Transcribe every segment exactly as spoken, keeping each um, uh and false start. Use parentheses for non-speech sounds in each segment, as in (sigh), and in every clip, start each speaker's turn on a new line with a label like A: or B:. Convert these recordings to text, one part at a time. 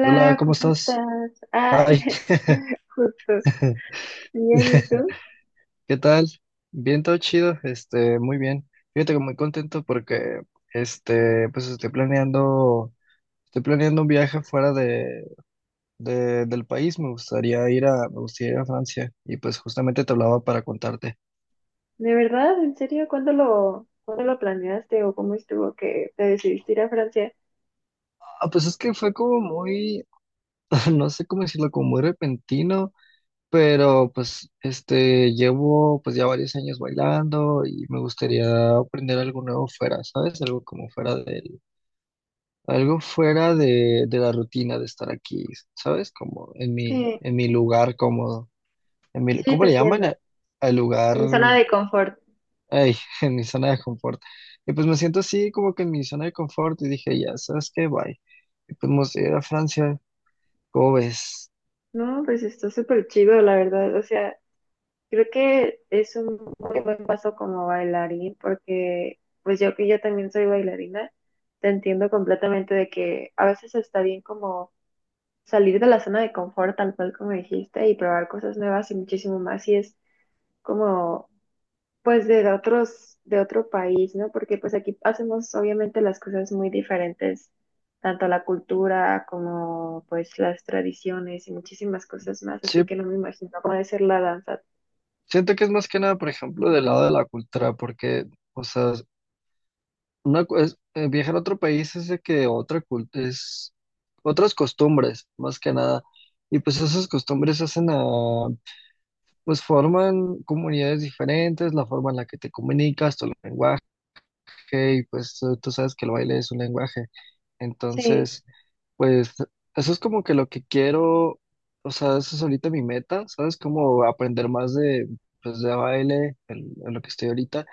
A: Hola, ¿cómo
B: ¿cómo
A: estás?
B: estás?
A: Ay,
B: Ay, (laughs) justo.
A: (laughs)
B: Bien, ¿y tú?
A: ¿qué tal? Bien, todo chido, este, muy bien. Fíjate que muy contento porque, este, pues estoy planeando, estoy planeando un viaje fuera de, de- del país. Me gustaría ir a, me gustaría ir a Francia y pues justamente te hablaba para contarte.
B: ¿De verdad? ¿En serio? ¿Cuándo lo, cuándo lo planeaste o cómo estuvo que te decidiste ir a Francia?
A: Ah, pues es que fue como muy, (laughs) no sé cómo decirlo, como muy repentino. Pero pues este llevo pues ya varios años bailando y me gustaría aprender algo nuevo fuera, ¿sabes? Algo como fuera del, algo fuera de, de la rutina de estar aquí, ¿sabes? Como en mi,
B: Sí,
A: en mi lugar cómodo, en mi,
B: sí,
A: ¿cómo
B: te
A: le llaman?
B: entiendo.
A: a- Al lugar,
B: En mi zona de confort.
A: ay, (laughs) en mi zona de confort. Y pues me siento así como que en mi zona de confort y dije, ya, ¿sabes qué? Bye. Y pues me gustaría ir a Francia, ¿cómo ves?
B: No, pues está súper chido, la verdad. O sea, creo que es un muy buen paso como bailarín porque, pues yo que yo también soy bailarina, te entiendo completamente de que a veces está bien como salir de la zona de confort, tal cual como dijiste, y probar cosas nuevas y muchísimo más, y es como, pues, de otros, de otro país, ¿no? Porque pues aquí hacemos obviamente las cosas muy diferentes, tanto la cultura como pues las tradiciones y muchísimas cosas más,
A: Sí,
B: así que no me imagino cómo debe ser la danza.
A: siento que es más que nada, por ejemplo, del lado de la cultura, porque, o sea, una, cu- es- eh, viajar a otro país es de que otra cul- es otras costumbres, más que nada. Y pues esas costumbres hacen a, pues forman comunidades diferentes, la forma en la que te comunicas, tu lenguaje. Ok, pues tú, tú sabes que el baile es un lenguaje.
B: Sí,
A: Entonces, pues eso es como que lo que quiero, o sea, eso es ahorita mi meta, ¿sabes? Como aprender más de, pues, de baile, en, en lo que estoy ahorita.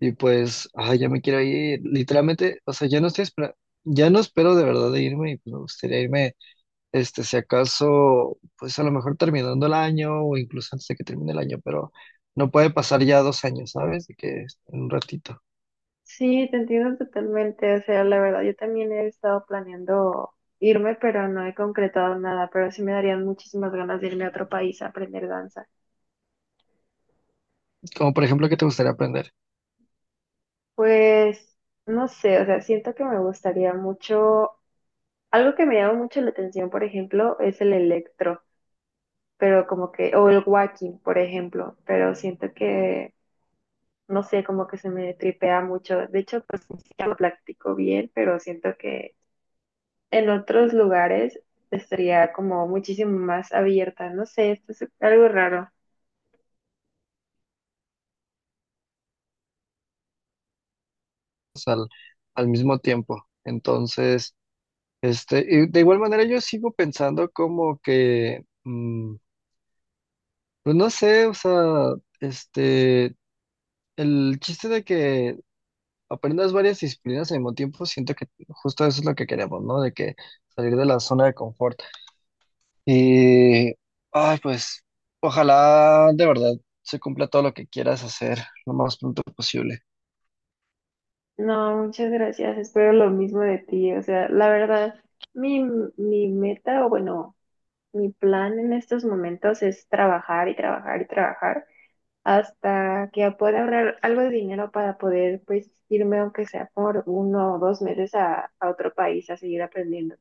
A: Y pues, ay, ya me quiero ir. Literalmente, o sea, ya no estoy espera- ya no espero de verdad de irme y pues, me gustaría irme, este, si acaso, pues a lo mejor terminando el año o incluso antes de que termine el año, pero no puede pasar ya dos años, ¿sabes? De que en un ratito.
B: sí, te entiendo totalmente, o sea, la verdad, yo también he estado planeando irme, pero no he concretado nada, pero sí me darían muchísimas ganas de irme a otro país a aprender danza.
A: Como por ejemplo, ¿qué te gustaría aprender?
B: Pues no sé, o sea, siento que me gustaría mucho, algo que me llama mucho la atención, por ejemplo, es el electro, pero como que, o el walking, por ejemplo, pero siento que, no sé, como que se me tripea mucho. De hecho, pues ni siquiera lo practico bien, pero siento que en otros lugares estaría como muchísimo más abierta, no sé, esto es algo raro.
A: al, al mismo tiempo. Entonces, este, y de igual manera yo sigo pensando como que, mm, pues no sé, o sea, este, el chiste de que aprendas varias disciplinas al mismo tiempo, siento que justo eso es lo que queremos, ¿no? De que salir de la zona de confort. Y, ay, pues, ojalá de verdad se cumpla todo lo que quieras hacer lo más pronto posible.
B: No, muchas gracias, espero lo mismo de ti, o sea, la verdad. Mi, mi meta, o bueno, mi plan en estos momentos es trabajar y trabajar y trabajar hasta que pueda ahorrar algo de dinero para poder pues irme aunque sea por uno o dos meses a, a otro país a seguir aprendiendo.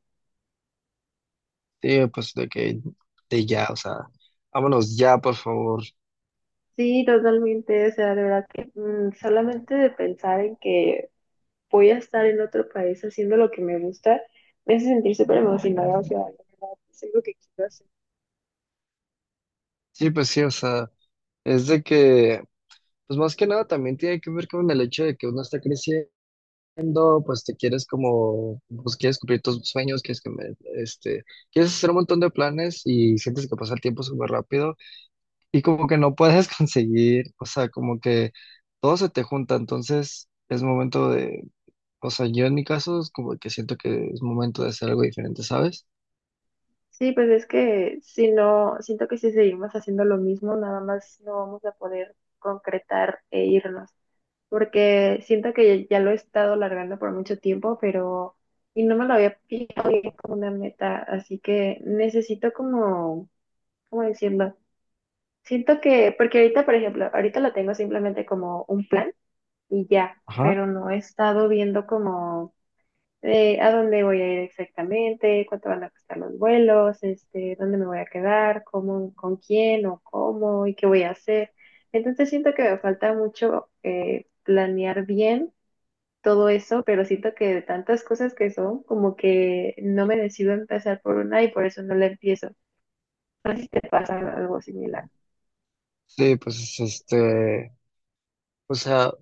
A: Sí, pues de que, de ya, o sea, vámonos ya, por favor.
B: Sí, totalmente, o sea, de verdad que mm, solamente de pensar en que voy a estar en otro país haciendo lo que me gusta, me hace sentir súper emocionada, o sea, de verdad, es algo que quiero hacer.
A: Sí, pues sí, o sea, es de que, pues más que nada también tiene que ver con el hecho de que uno está creciendo, pues te quieres como, pues quieres cumplir tus sueños, quieres que me, este, quieres hacer un montón de planes y sientes que pasa el tiempo súper rápido y como que no puedes (laughs) conseguir, o sea, como que todo se te junta, entonces es momento de, o sea, yo en mi caso es como que siento que es momento de hacer algo diferente, ¿sabes?
B: Sí, pues es que si no, siento que si seguimos haciendo lo mismo, nada más no vamos a poder concretar e irnos, porque siento que ya, ya lo he estado largando por mucho tiempo, pero y no me lo había fijado bien como una meta, así que necesito como, ¿cómo decirlo? Siento que, porque ahorita, por ejemplo, ahorita lo tengo simplemente como un plan y ya,
A: Ajá.
B: pero no he estado viendo como eh, a dónde voy a ir exactamente, cuánto van a costar los vuelos, este, dónde me voy a quedar, cómo, con quién o cómo y qué voy a hacer. Entonces siento que me falta mucho eh, planear bien todo eso, pero siento que de tantas cosas que son, como que no me decido a empezar por una y por eso no la empiezo. Me pasa algo similar.
A: Sí, pues este, o sea,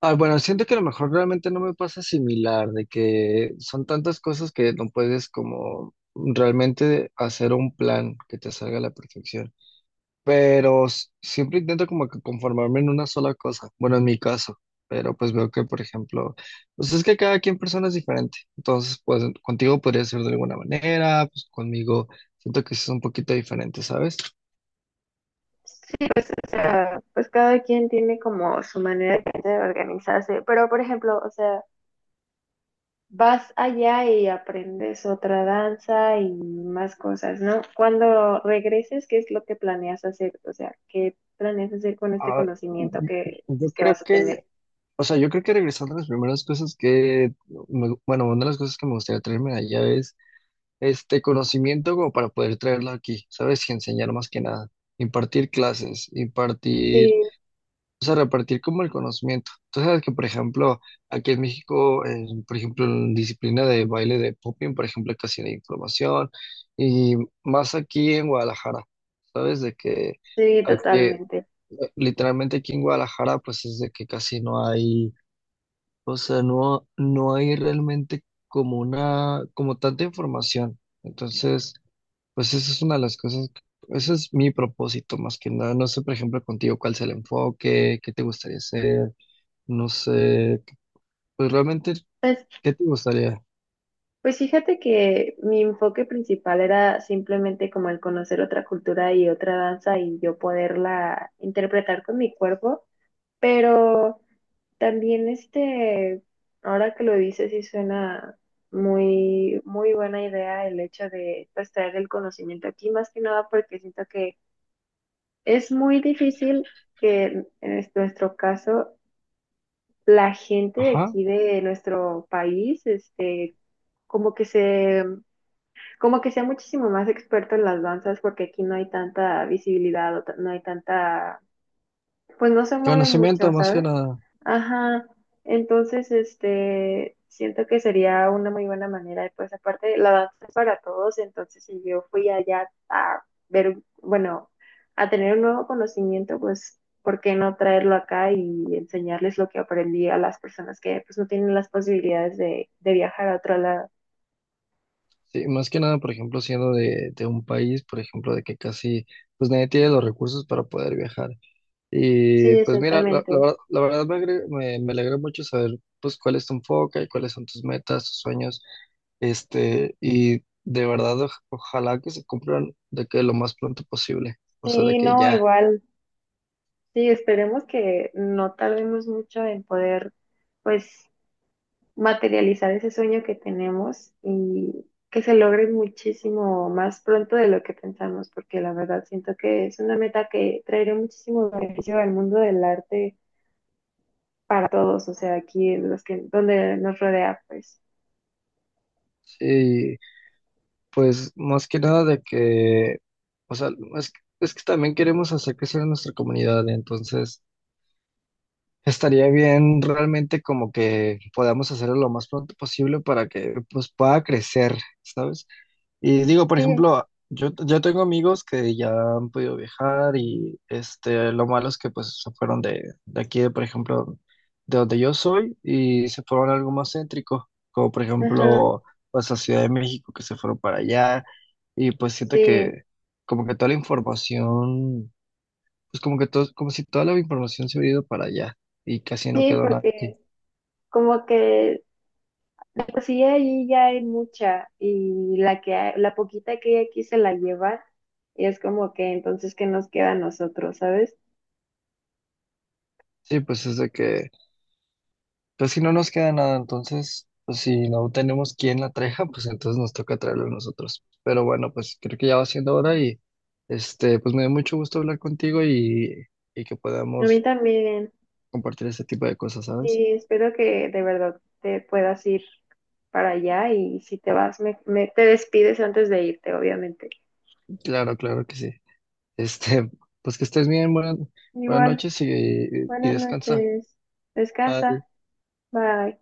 A: ah, bueno, siento que a lo mejor realmente no me pasa similar, de que son tantas cosas que no puedes como realmente hacer un plan que te salga a la perfección, pero s- siempre intento como que conformarme en una sola cosa, bueno, en mi caso, pero pues veo que, por ejemplo, pues es que cada quien persona es diferente, entonces pues contigo podría ser de alguna manera, pues conmigo siento que sí es un poquito diferente, ¿sabes?
B: Sí, pues, o sea, pues cada quien tiene como su manera de organizarse, pero por ejemplo, o sea, vas allá y aprendes otra danza y más cosas, ¿no? Cuando regreses, ¿qué es lo que planeas hacer? O sea, ¿qué planeas hacer con este
A: Ah,
B: conocimiento que,
A: yo
B: que
A: creo
B: vas a tener?
A: que O sea, yo creo que regresando a las primeras cosas que, me- bueno, una de las cosas que me gustaría traerme de allá es este conocimiento como para poder traerlo aquí, ¿sabes? Y enseñar más que nada, impartir clases, impartir,
B: Sí,
A: o sea, repartir como el conocimiento. Tú sabes que, por ejemplo, aquí en México, eh, por ejemplo, en disciplina de baile de popping, por ejemplo, casi no hay información, y más aquí en Guadalajara, ¿sabes? De que
B: sí,
A: aquí, eh,
B: totalmente.
A: literalmente aquí en Guadalajara, pues es de que casi no hay. O sea, no, no hay realmente como una, como tanta información. Entonces, pues esa es una de las cosas, que- ese es mi propósito más que nada. No sé, por ejemplo, contigo cuál es el enfoque, qué te gustaría hacer, no sé, pues realmente,
B: Pues,
A: ¿qué te gustaría?
B: pues fíjate que mi enfoque principal era simplemente como el conocer otra cultura y otra danza y yo poderla interpretar con mi cuerpo, pero... También este, ahora que lo dices, sí suena muy, muy buena idea el hecho de pues, traer el conocimiento aquí, más que nada porque siento que es muy difícil que en es- nuestro caso la gente de
A: Ajá,
B: aquí de nuestro país, este, como que se, como que sea muchísimo más experto en las danzas porque aquí no hay tanta visibilidad o ta- no hay tanta, pues no se mueve mucho,
A: conocimiento más que
B: ¿sabes?
A: nada.
B: Ajá, entonces, este, siento que sería una muy buena manera, y pues aparte, la danza es para todos, entonces si yo fui allá a ver, un- bueno, a tener un nuevo conocimiento, pues, ¿por qué no traerlo acá y enseñarles lo que aprendí a las personas que, pues, no tienen las posibilidades de, de viajar a otro lado?
A: Sí, más que nada, por ejemplo, siendo de, de un país, por ejemplo, de que casi, pues nadie tiene los recursos para poder viajar. Y
B: Sí,
A: pues mira, la,
B: exactamente.
A: la verdad la verdad me, agre- me, me alegra mucho saber pues cuál es tu enfoque y cuáles son tus metas, tus sueños, este, y de verdad oj- ojalá que se cumplan de que lo más pronto posible, o sea, de
B: Sí,
A: que
B: no,
A: ya.
B: igual, sí, esperemos que no tardemos mucho en poder, pues, materializar ese sueño que tenemos y que se logre muchísimo más pronto de lo que pensamos, porque la verdad siento que es una meta que traerá muchísimo beneficio al mundo del arte para todos, o sea, aquí en los que, donde nos rodea, pues.
A: Y pues más que nada de que, o sea, es, es que también queremos hacer crecer a nuestra comunidad, entonces estaría bien realmente como que podamos hacerlo lo más pronto posible para que pues pueda crecer, ¿sabes? Y digo, por
B: Sí,
A: ejemplo, yo, yo tengo amigos que ya han podido viajar y este, lo malo es que pues se fueron de, de aquí, de, por ejemplo, de donde yo soy y se fueron a algo más céntrico, como por
B: ajá,
A: ejemplo, pues a Ciudad de México, que se fueron para allá y pues siento
B: sí,
A: que como que toda la información, pues como que todo, como si toda la información se hubiera ido para allá y casi no
B: sí,
A: quedó nada aquí.
B: porque como que de por sí ahí ya hay mucha y la que hay- la poquita que hay aquí se la lleva y es como que entonces qué nos queda a nosotros, ¿sabes?
A: Sí, pues es de que pues si no nos queda nada, entonces, pues, si no tenemos quien la traiga, (laughs) pues entonces nos toca traerlo nosotros. Pero bueno, pues creo que ya va siendo hora y este, pues me dio mucho gusto hablar contigo y, y, que
B: A mí
A: podamos
B: también.
A: compartir este tipo de cosas, ¿sabes?
B: Sí, espero que de verdad te puedas ir para allá y si te vas, me, me- te despides antes de irte, obviamente.
A: Claro, claro que sí. Este, pues que estés bien, buenas, buenas
B: Igual,
A: noches y, y
B: buenas
A: descansa.
B: noches.
A: Bye.
B: Descansa. Bye.